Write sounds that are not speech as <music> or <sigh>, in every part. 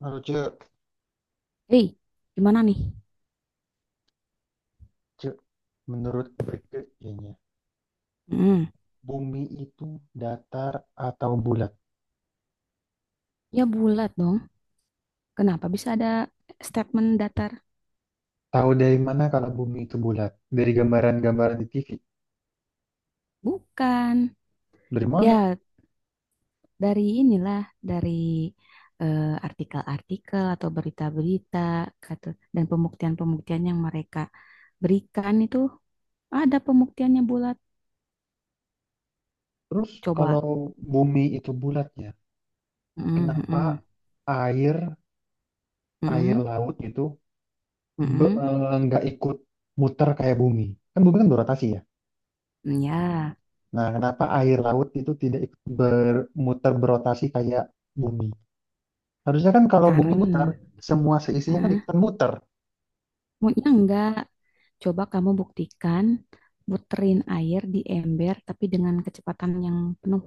Lalu cek, Hei, gimana nih? cek. Menurut Rike kayaknya, Mm. bumi itu datar atau bulat? Ya bulat dong. Kenapa bisa ada statement datar? Tahu dari mana kalau bumi itu bulat? Dari gambaran-gambaran di TV. Bukan. Dari mana? Ya dari inilah, dari eh, artikel-artikel atau berita-berita kata dan pembuktian-pembuktian yang mereka berikan itu ada pembuktiannya bulat. Terus Coba. kalau bumi itu bulat ya, Mm-mm, kenapa mm-mm, air air mm-mm. laut itu nggak ikut muter kayak bumi? Kan bumi kan berotasi ya. Ya, Nah, kenapa air laut itu tidak ikut bermuter berotasi kayak bumi? Harusnya kan kalau bumi muter, karena. semua seisinya kan ikutan muter. Maunya enggak. Coba kamu buktikan, muterin air di ember tapi dengan kecepatan yang penuh.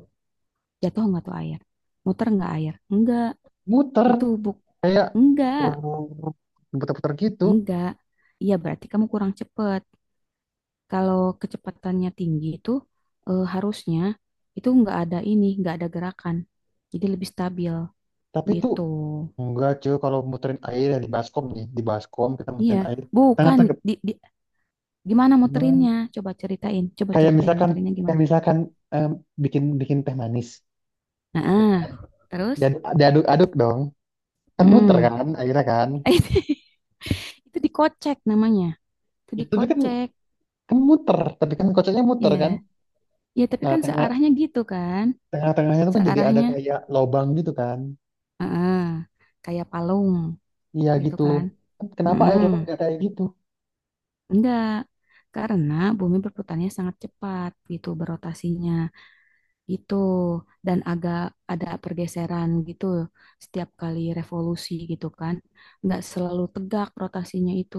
Jatuh enggak tuh air? Muter enggak air? Enggak. Muter, Itu buk. kayak Enggak. putar-putar gitu. Enggak. Iya berarti kamu kurang cepet. Kalau kecepatannya tinggi itu harusnya itu enggak ada ini, enggak ada gerakan. Jadi lebih stabil Tapi itu gitu. enggak cuy kalau muterin air ya di baskom nih, di baskom kita Iya. muterin air. Tangan Bukan. tangan Di, di- Gimana gimana? muterinnya? Coba ceritain. Coba Kayak ceritain misalkan muterinnya gimana. kayak misalkan em, bikin bikin teh manis, Nah, ya kan? ah. Terus? Dan diaduk-aduk dong. Kan muter Mm-mm. kan airnya kan. <laughs> Itu dikocek namanya. Itu Itu dia kan dikocek. kan muter, tapi kan kocoknya muter kan. Ya. Ya, tapi Nah, kan tengah searahnya gitu kan. tengah-tengahnya itu kan jadi ada Searahnya kayak lobang gitu kan. heeh, kayak palung Iya gitu gitu. kan. Kenapa air Mm-mm. laut nggak kayak gitu? Enggak. Karena bumi berputarnya sangat cepat gitu berotasinya gitu dan agak ada pergeseran gitu setiap kali revolusi gitu kan. Enggak selalu tegak rotasinya itu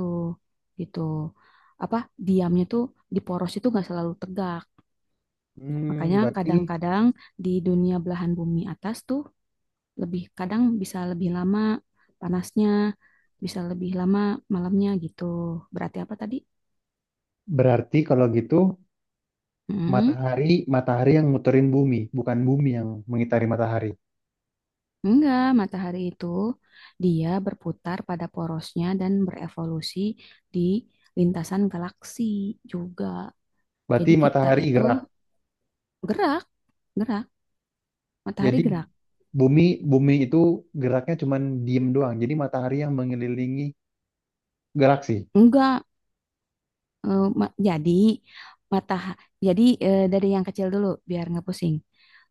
gitu. Apa diamnya tuh di poros itu enggak selalu tegak. Makanya Hmm, berarti kadang-kadang di dunia belahan bumi atas tuh lebih kadang bisa lebih lama panasnya, bisa lebih lama malamnya gitu. Berarti apa tadi? berarti kalau gitu Hmm. matahari yang muterin bumi, bukan bumi yang mengitari matahari. Enggak, matahari itu dia berputar pada porosnya dan berevolusi di lintasan galaksi juga. Berarti Jadi kita matahari itu gerak. gerak, gerak, matahari Jadi gerak. bumi bumi itu geraknya cuman diem doang. Jadi matahari yang mengelilingi galaksi. Enggak. Jadi mata jadi dari yang kecil dulu biar nggak pusing.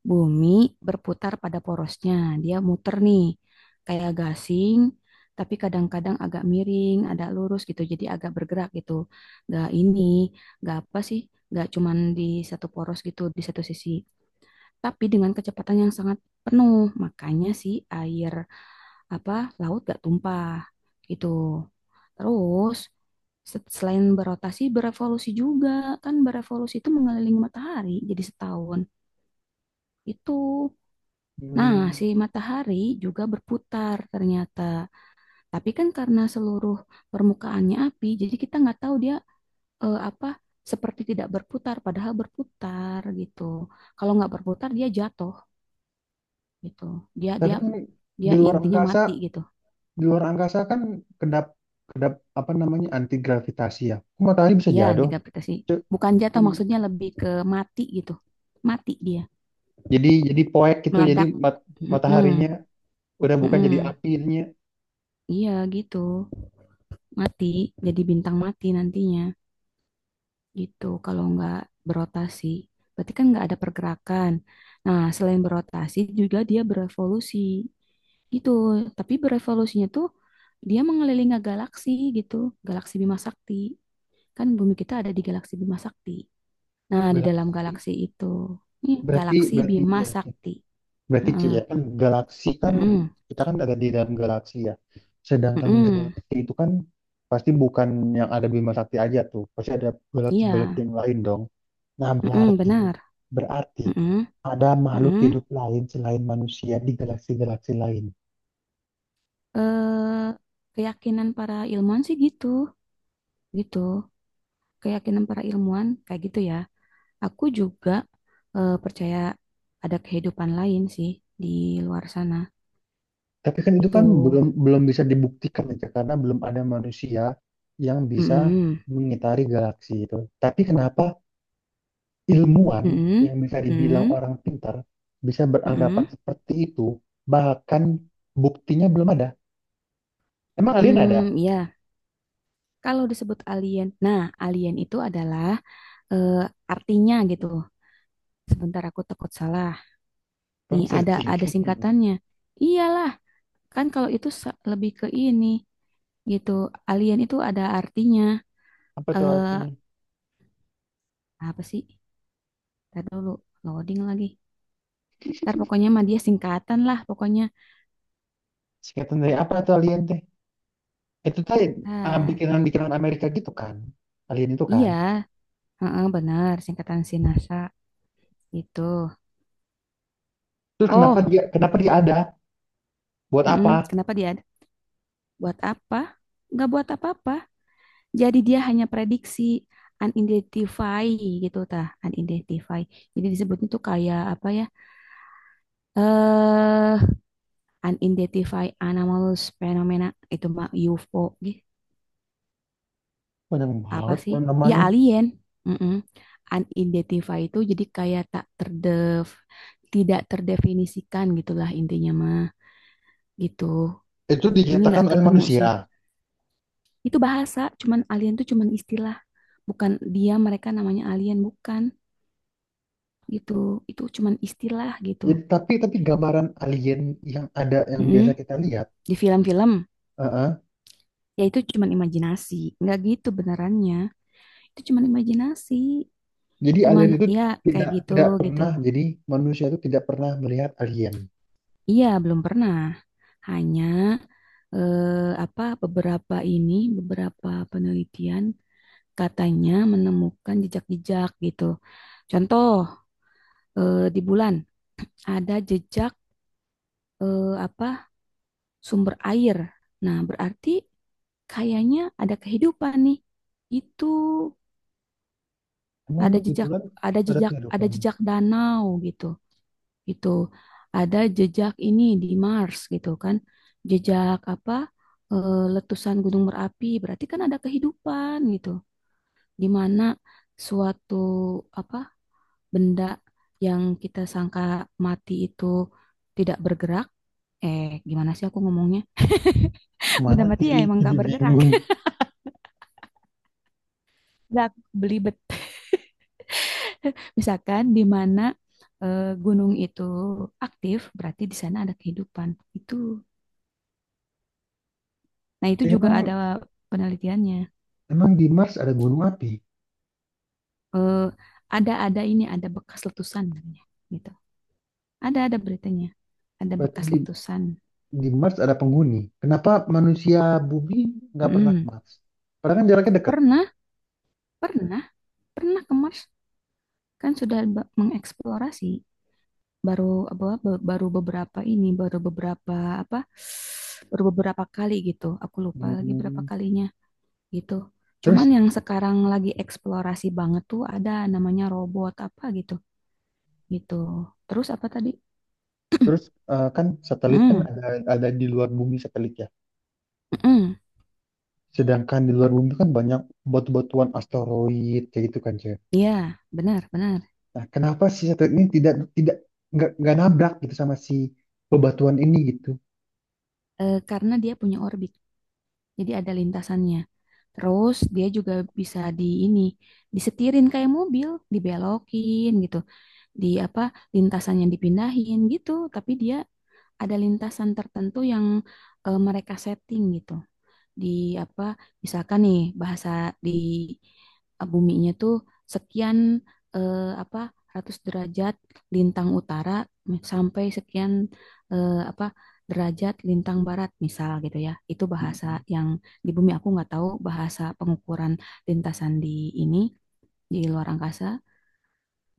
Bumi berputar pada porosnya. Dia muter nih kayak gasing tapi kadang-kadang agak miring, ada lurus gitu. Jadi agak bergerak gitu. Nggak ini, nggak apa sih? Nggak cuman di satu poros gitu, di satu sisi. Tapi dengan kecepatan yang sangat penuh. Makanya si air apa laut gak tumpah gitu. Terus selain berotasi berevolusi juga kan berevolusi itu mengelilingi matahari jadi setahun itu. Nah, si Hmm. matahari juga berputar ternyata. Tapi kan karena seluruh permukaannya api, jadi kita nggak tahu dia apa seperti tidak berputar padahal berputar gitu. Kalau nggak berputar dia jatuh gitu. Dia Tapi dia kan di dia luar intinya angkasa, mati gitu. di luar angkasa kan kedap kedap apa namanya anti gravitasi ya. Kok matahari bisa Iya, jatuh? degadaptasi. Cuk, Bukan jatuh, kan maksudnya lebih ke mati gitu. Mati dia, jadi poek gitu. Meledak. Mm-mm, Mataharinya udah bukan jadi mm-mm. apinya. Iya gitu, mati. Jadi bintang mati nantinya gitu. Kalau nggak berotasi, berarti kan nggak ada pergerakan. Nah, selain berotasi juga dia berevolusi gitu. Tapi berevolusinya tuh dia mengelilingi galaksi gitu, galaksi Bima Sakti. Kan bumi kita ada di galaksi Bima Sakti. Nah, di dalam Galaksi galaksi itu, ini berarti galaksi berarti Bima ya. Sakti. Berarti C Heeh, ya kan galaksi kan heeh, kita kan ada di dalam galaksi ya. Sedangkan heeh. galaksi itu kan pasti bukan yang ada Bima Sakti aja tuh. Pasti ada Iya, galaksi-galaksi yang lain dong. Nah, heeh, berarti benar. berarti Heeh, ada makhluk heeh. hidup lain selain manusia di galaksi-galaksi lain. Eh, Keyakinan para ilmuwan sih gitu, gitu. Keyakinan para ilmuwan kayak gitu ya. Aku juga percaya ada kehidupan lain sih di luar sana. Tapi kan itu Itu, kan belum belum bisa dibuktikan aja karena belum ada manusia yang bisa heeh, mengitari galaksi itu. Tapi kenapa ilmuwan heeh, yang bisa dibilang heeh, orang pintar bisa beranggapan heeh. seperti itu, bahkan buktinya belum ada. Emang alien ada? Hmm, ya. Kalau disebut alien, nah alien itu adalah eh, artinya gitu. Sebentar aku takut salah. Kamu Nih ada searching. ada singkatannya. Iyalah, kan kalau itu lebih ke ini gitu. Alien itu ada artinya. <laughs> Apa tuh Eh artinya? Apa sih? Ntar dulu loading lagi. Ntar pokoknya mah dia singkatan lah pokoknya. Singkatan dari apa tuh alien teh? Itu tadi ah, Ah, bikinan-bikinan Amerika gitu kan. Alien itu kan. iya, heeh, benar singkatan NASA gitu. Terus kenapa Oh, dia kenapa dia ada? Buat mm-mm. apa? Kenapa dia ada? Buat apa? Nggak buat apa-apa. Jadi dia hanya prediksi unidentify gitu tah, unidentify. Jadi disebutnya tuh kayak apa ya? Eh Unidentified anomalous phenomena itu mah UFO gitu. Banyak Apa banget sih? tuh Ya namanya. alien. Mm-mm. Unidentified itu jadi kayak tak terdef tidak terdefinisikan gitulah intinya mah gitu. Itu Ini diciptakan nggak oleh ketemu manusia. sih. Itu bahasa, cuman alien tuh cuman istilah. Bukan dia mereka namanya alien bukan. Gitu itu cuman istilah gitu. Jadi tapi gambaran alien yang ada yang Mm-mm. biasa kita lihat, Di film-film eh, eh, ya itu cuman imajinasi nggak gitu benerannya itu cuman imajinasi jadi cuman alien itu ya kayak tidak gitu tidak gitu pernah jadi manusia itu tidak pernah melihat alien. iya belum pernah hanya eh, apa beberapa ini beberapa penelitian katanya menemukan jejak-jejak gitu contoh di bulan ada jejak apa sumber air nah berarti kayaknya ada kehidupan nih. Itu Emang ada di jejak, bulan ada ada jejak, ada kehidupan? jejak danau gitu, gitu. Ada jejak ini di Mars gitu kan, jejak apa? Letusan gunung berapi. Berarti kan ada kehidupan gitu, di mana suatu apa benda yang kita sangka mati itu tidak bergerak. Gimana sih aku ngomongnya? Benda Mana mati ya Tilly emang jadi gak bergerak. bingung. <laughs> Gak beli bet <laughs> Misalkan di mana gunung itu aktif, berarti di sana ada kehidupan. Itu. Nah, itu juga ada Emang penelitiannya. emang di Mars ada gunung api? Eh, ada ini ada bekas letusan namanya, gitu. Ada beritanya. Ada Berarti bekas letusan. di Mars ada penghuni. Kenapa manusia bumi nggak pernah ke Mm. Mars? Padahal kan jaraknya dekat. Pernah, pernah, pernah ke Mars kan sudah mengeksplorasi baru apa baru beberapa ini, baru beberapa apa baru beberapa kali gitu. Aku lupa lagi berapa Hmm, kalinya gitu. Cuman terus yang sekarang lagi eksplorasi banget tuh ada namanya robot apa gitu, gitu. Terus apa tadi? terus kan satelit kan Hmm, ada di luar bumi satelit ya. mm-mm. Sedangkan di luar bumi kan banyak batu-batuan asteroid kayak gitu kan Ce. Iya, benar, benar. Nah, kenapa si satelit ini tidak tidak nggak nabrak gitu sama si bebatuan ini gitu? Karena dia punya orbit, jadi ada lintasannya. Terus dia juga bisa di ini, disetirin kayak mobil, dibelokin gitu. Di apa, lintasannya dipindahin gitu, tapi dia ada lintasan tertentu yang mereka setting gitu. Di apa misalkan nih bahasa di buminya tuh sekian eh, apa ratus derajat lintang utara sampai sekian apa derajat lintang barat misal gitu ya itu bahasa Mm-mm. yang di bumi aku nggak tahu bahasa pengukuran lintasan di ini di luar angkasa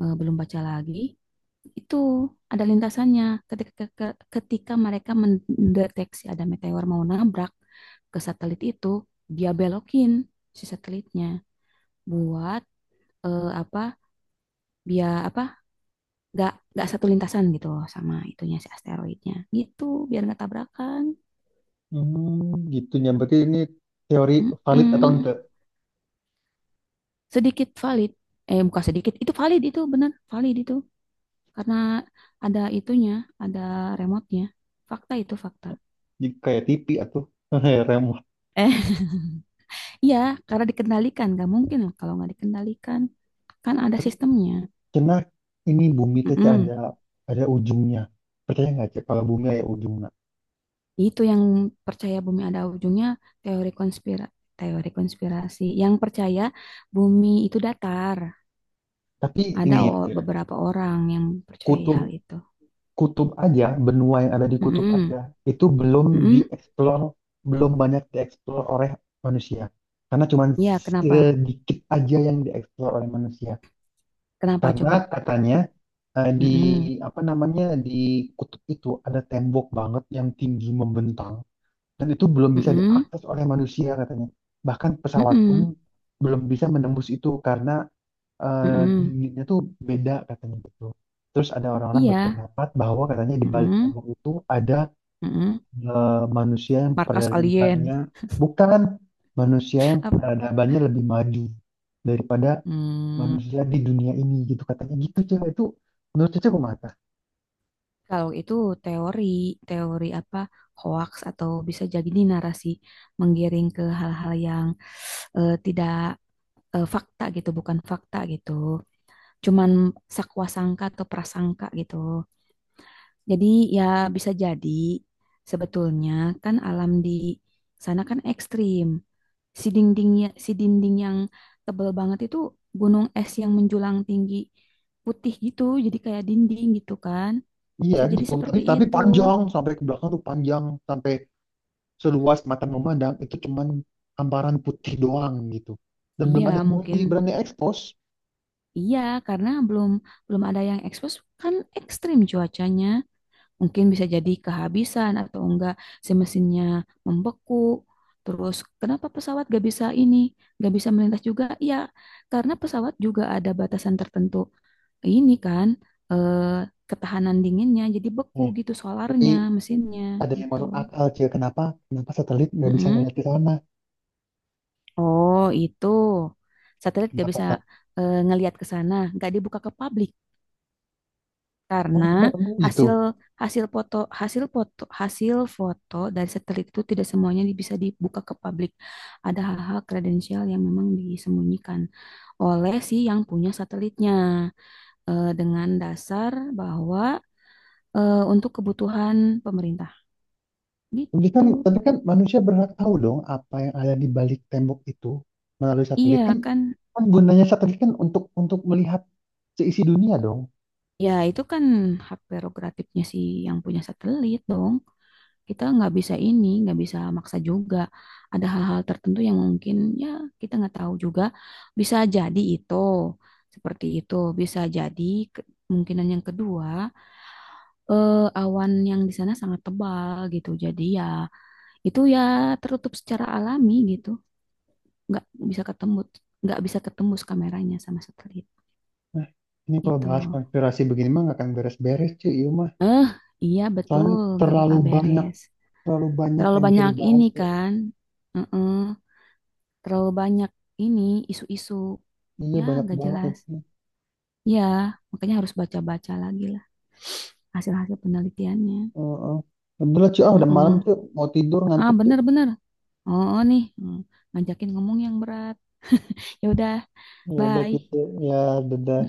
belum baca lagi itu ada lintasannya ketika ketika mereka mendeteksi ada meteor mau nabrak ke satelit itu dia belokin si satelitnya buat apa biar apa nggak satu lintasan gitu loh sama itunya si asteroidnya gitu biar nggak tabrakan. Hmm, gitu ya. Berarti ini teori valid atau Mm-mm. enggak? Sedikit valid bukan sedikit itu valid itu bener valid itu karena ada itunya ada remote-nya fakta itu fakta. Jadi kayak TV atau <laughs> remote. Iya, karena dikendalikan. Gak mungkin lah kalau nggak dikendalikan. Kan ada Tapi sistemnya. karena ini bumi teh Cak, Mm-mm. Ada ujungnya. Percaya nggak Cak kalau bumi ada ujungnya? Itu yang percaya bumi ada ujungnya teori konspira teori konspirasi. Yang percaya bumi itu datar. Tapi Ada ini ya, Cak, beberapa orang yang percaya kutub hal itu. kutub aja, benua yang ada di kutub Mm-mm. aja, itu belum Mm-mm. dieksplor, belum banyak dieksplor oleh manusia. Karena cuman Iya, kenapa? sedikit aja yang dieksplor oleh manusia. Kenapa Karena coba? katanya di Mm-mm. apa namanya di kutub itu ada tembok banget yang tinggi membentang dan itu belum bisa Mm-mm. diakses oleh manusia katanya. Bahkan pesawat pun Mm-mm. belum bisa menembus itu karena eh, Mm-mm. dinginnya tuh beda katanya gitu. Terus ada orang-orang Iya. berpendapat bahwa katanya di balik Mm-mm. tembok itu ada Mm-mm. eh, manusia yang Markas alien. peradabannya bukan manusia <laughs> yang Apa? peradabannya lebih maju daripada Hmm. manusia di dunia ini gitu katanya gitu cewek itu menurut cewek mata. Kalau itu teori, teori apa hoax atau bisa jadi ini narasi menggiring ke hal-hal yang tidak fakta gitu, bukan fakta gitu. Cuman sakwasangka atau prasangka gitu. Jadi ya bisa jadi sebetulnya kan alam di sana kan ekstrim. Si dindingnya, si dinding yang tebel banget itu gunung es yang menjulang tinggi putih gitu, jadi kayak dinding gitu kan. Iya Bisa jadi gitu tapi seperti itu. panjang sampai ke belakang tuh panjang sampai seluas mata memandang itu cuman hamparan putih doang gitu dan belum Iya, ada yang berani, mungkin berani expose. iya karena belum belum ada yang expose kan ekstrim cuacanya. Mungkin bisa jadi kehabisan atau enggak si mesinnya membeku. Terus kenapa pesawat gak bisa ini, gak bisa melintas juga? Iya, karena pesawat juga ada batasan tertentu. Ini kan eh, ketahanan dinginnya jadi beku Eh, gitu tapi solarnya, mesinnya ada yang gitu. masuk akal Cil kenapa kenapa satelit nggak bisa Mm-mm. ngeliat ke sana Oh, itu. Satelit gak kenapa bisa Kak? Ngelihat ke sana, gak dibuka ke publik Oh karena emang, emang gitu hasil hasil foto hasil foto hasil foto dari satelit itu tidak semuanya bisa dibuka ke publik. Ada hal-hal kredensial yang memang disembunyikan oleh si yang punya satelitnya dengan dasar bahwa untuk kebutuhan pemerintah tapi kan gitu. Manusia berhak tahu dong apa yang ada di balik tembok itu melalui Iya satelit kan kan? kan gunanya satelit kan untuk melihat seisi dunia dong. Ya itu kan hak prerogatifnya si yang punya satelit dong. Kita nggak bisa ini, nggak bisa maksa juga. Ada hal-hal tertentu yang mungkin ya kita nggak tahu juga. Bisa jadi itu seperti itu, bisa jadi kemungkinan yang kedua awan yang di sana sangat tebal gitu. Jadi ya itu ya tertutup secara alami gitu, nggak bisa ketemu, nggak bisa ketembus kameranya sama satelit Nah ini kalau gitu. bahas konspirasi begini mah nggak akan beres-beres cuy iya mah Eh, iya betul, soalnya nggak terlalu bakal banyak beres. terlalu banyak Terlalu yang bisa banyak ini dibahas ya. kan. Heeh. Terlalu banyak ini isu-isu Iya ya banyak nggak banget jelas itu. ya makanya harus baca-baca lagi lah hasil-hasil penelitiannya. Heeh. Udah lah, cuy. Ah, udah malam, Heeh. cuy. Mau tidur, Ah ngantuk, cuy. bener-bener. Oh oh, nih. Ngajakin ngomong yang berat. Ya udah. Ya udah, Bye. cuy. Ya, dadah.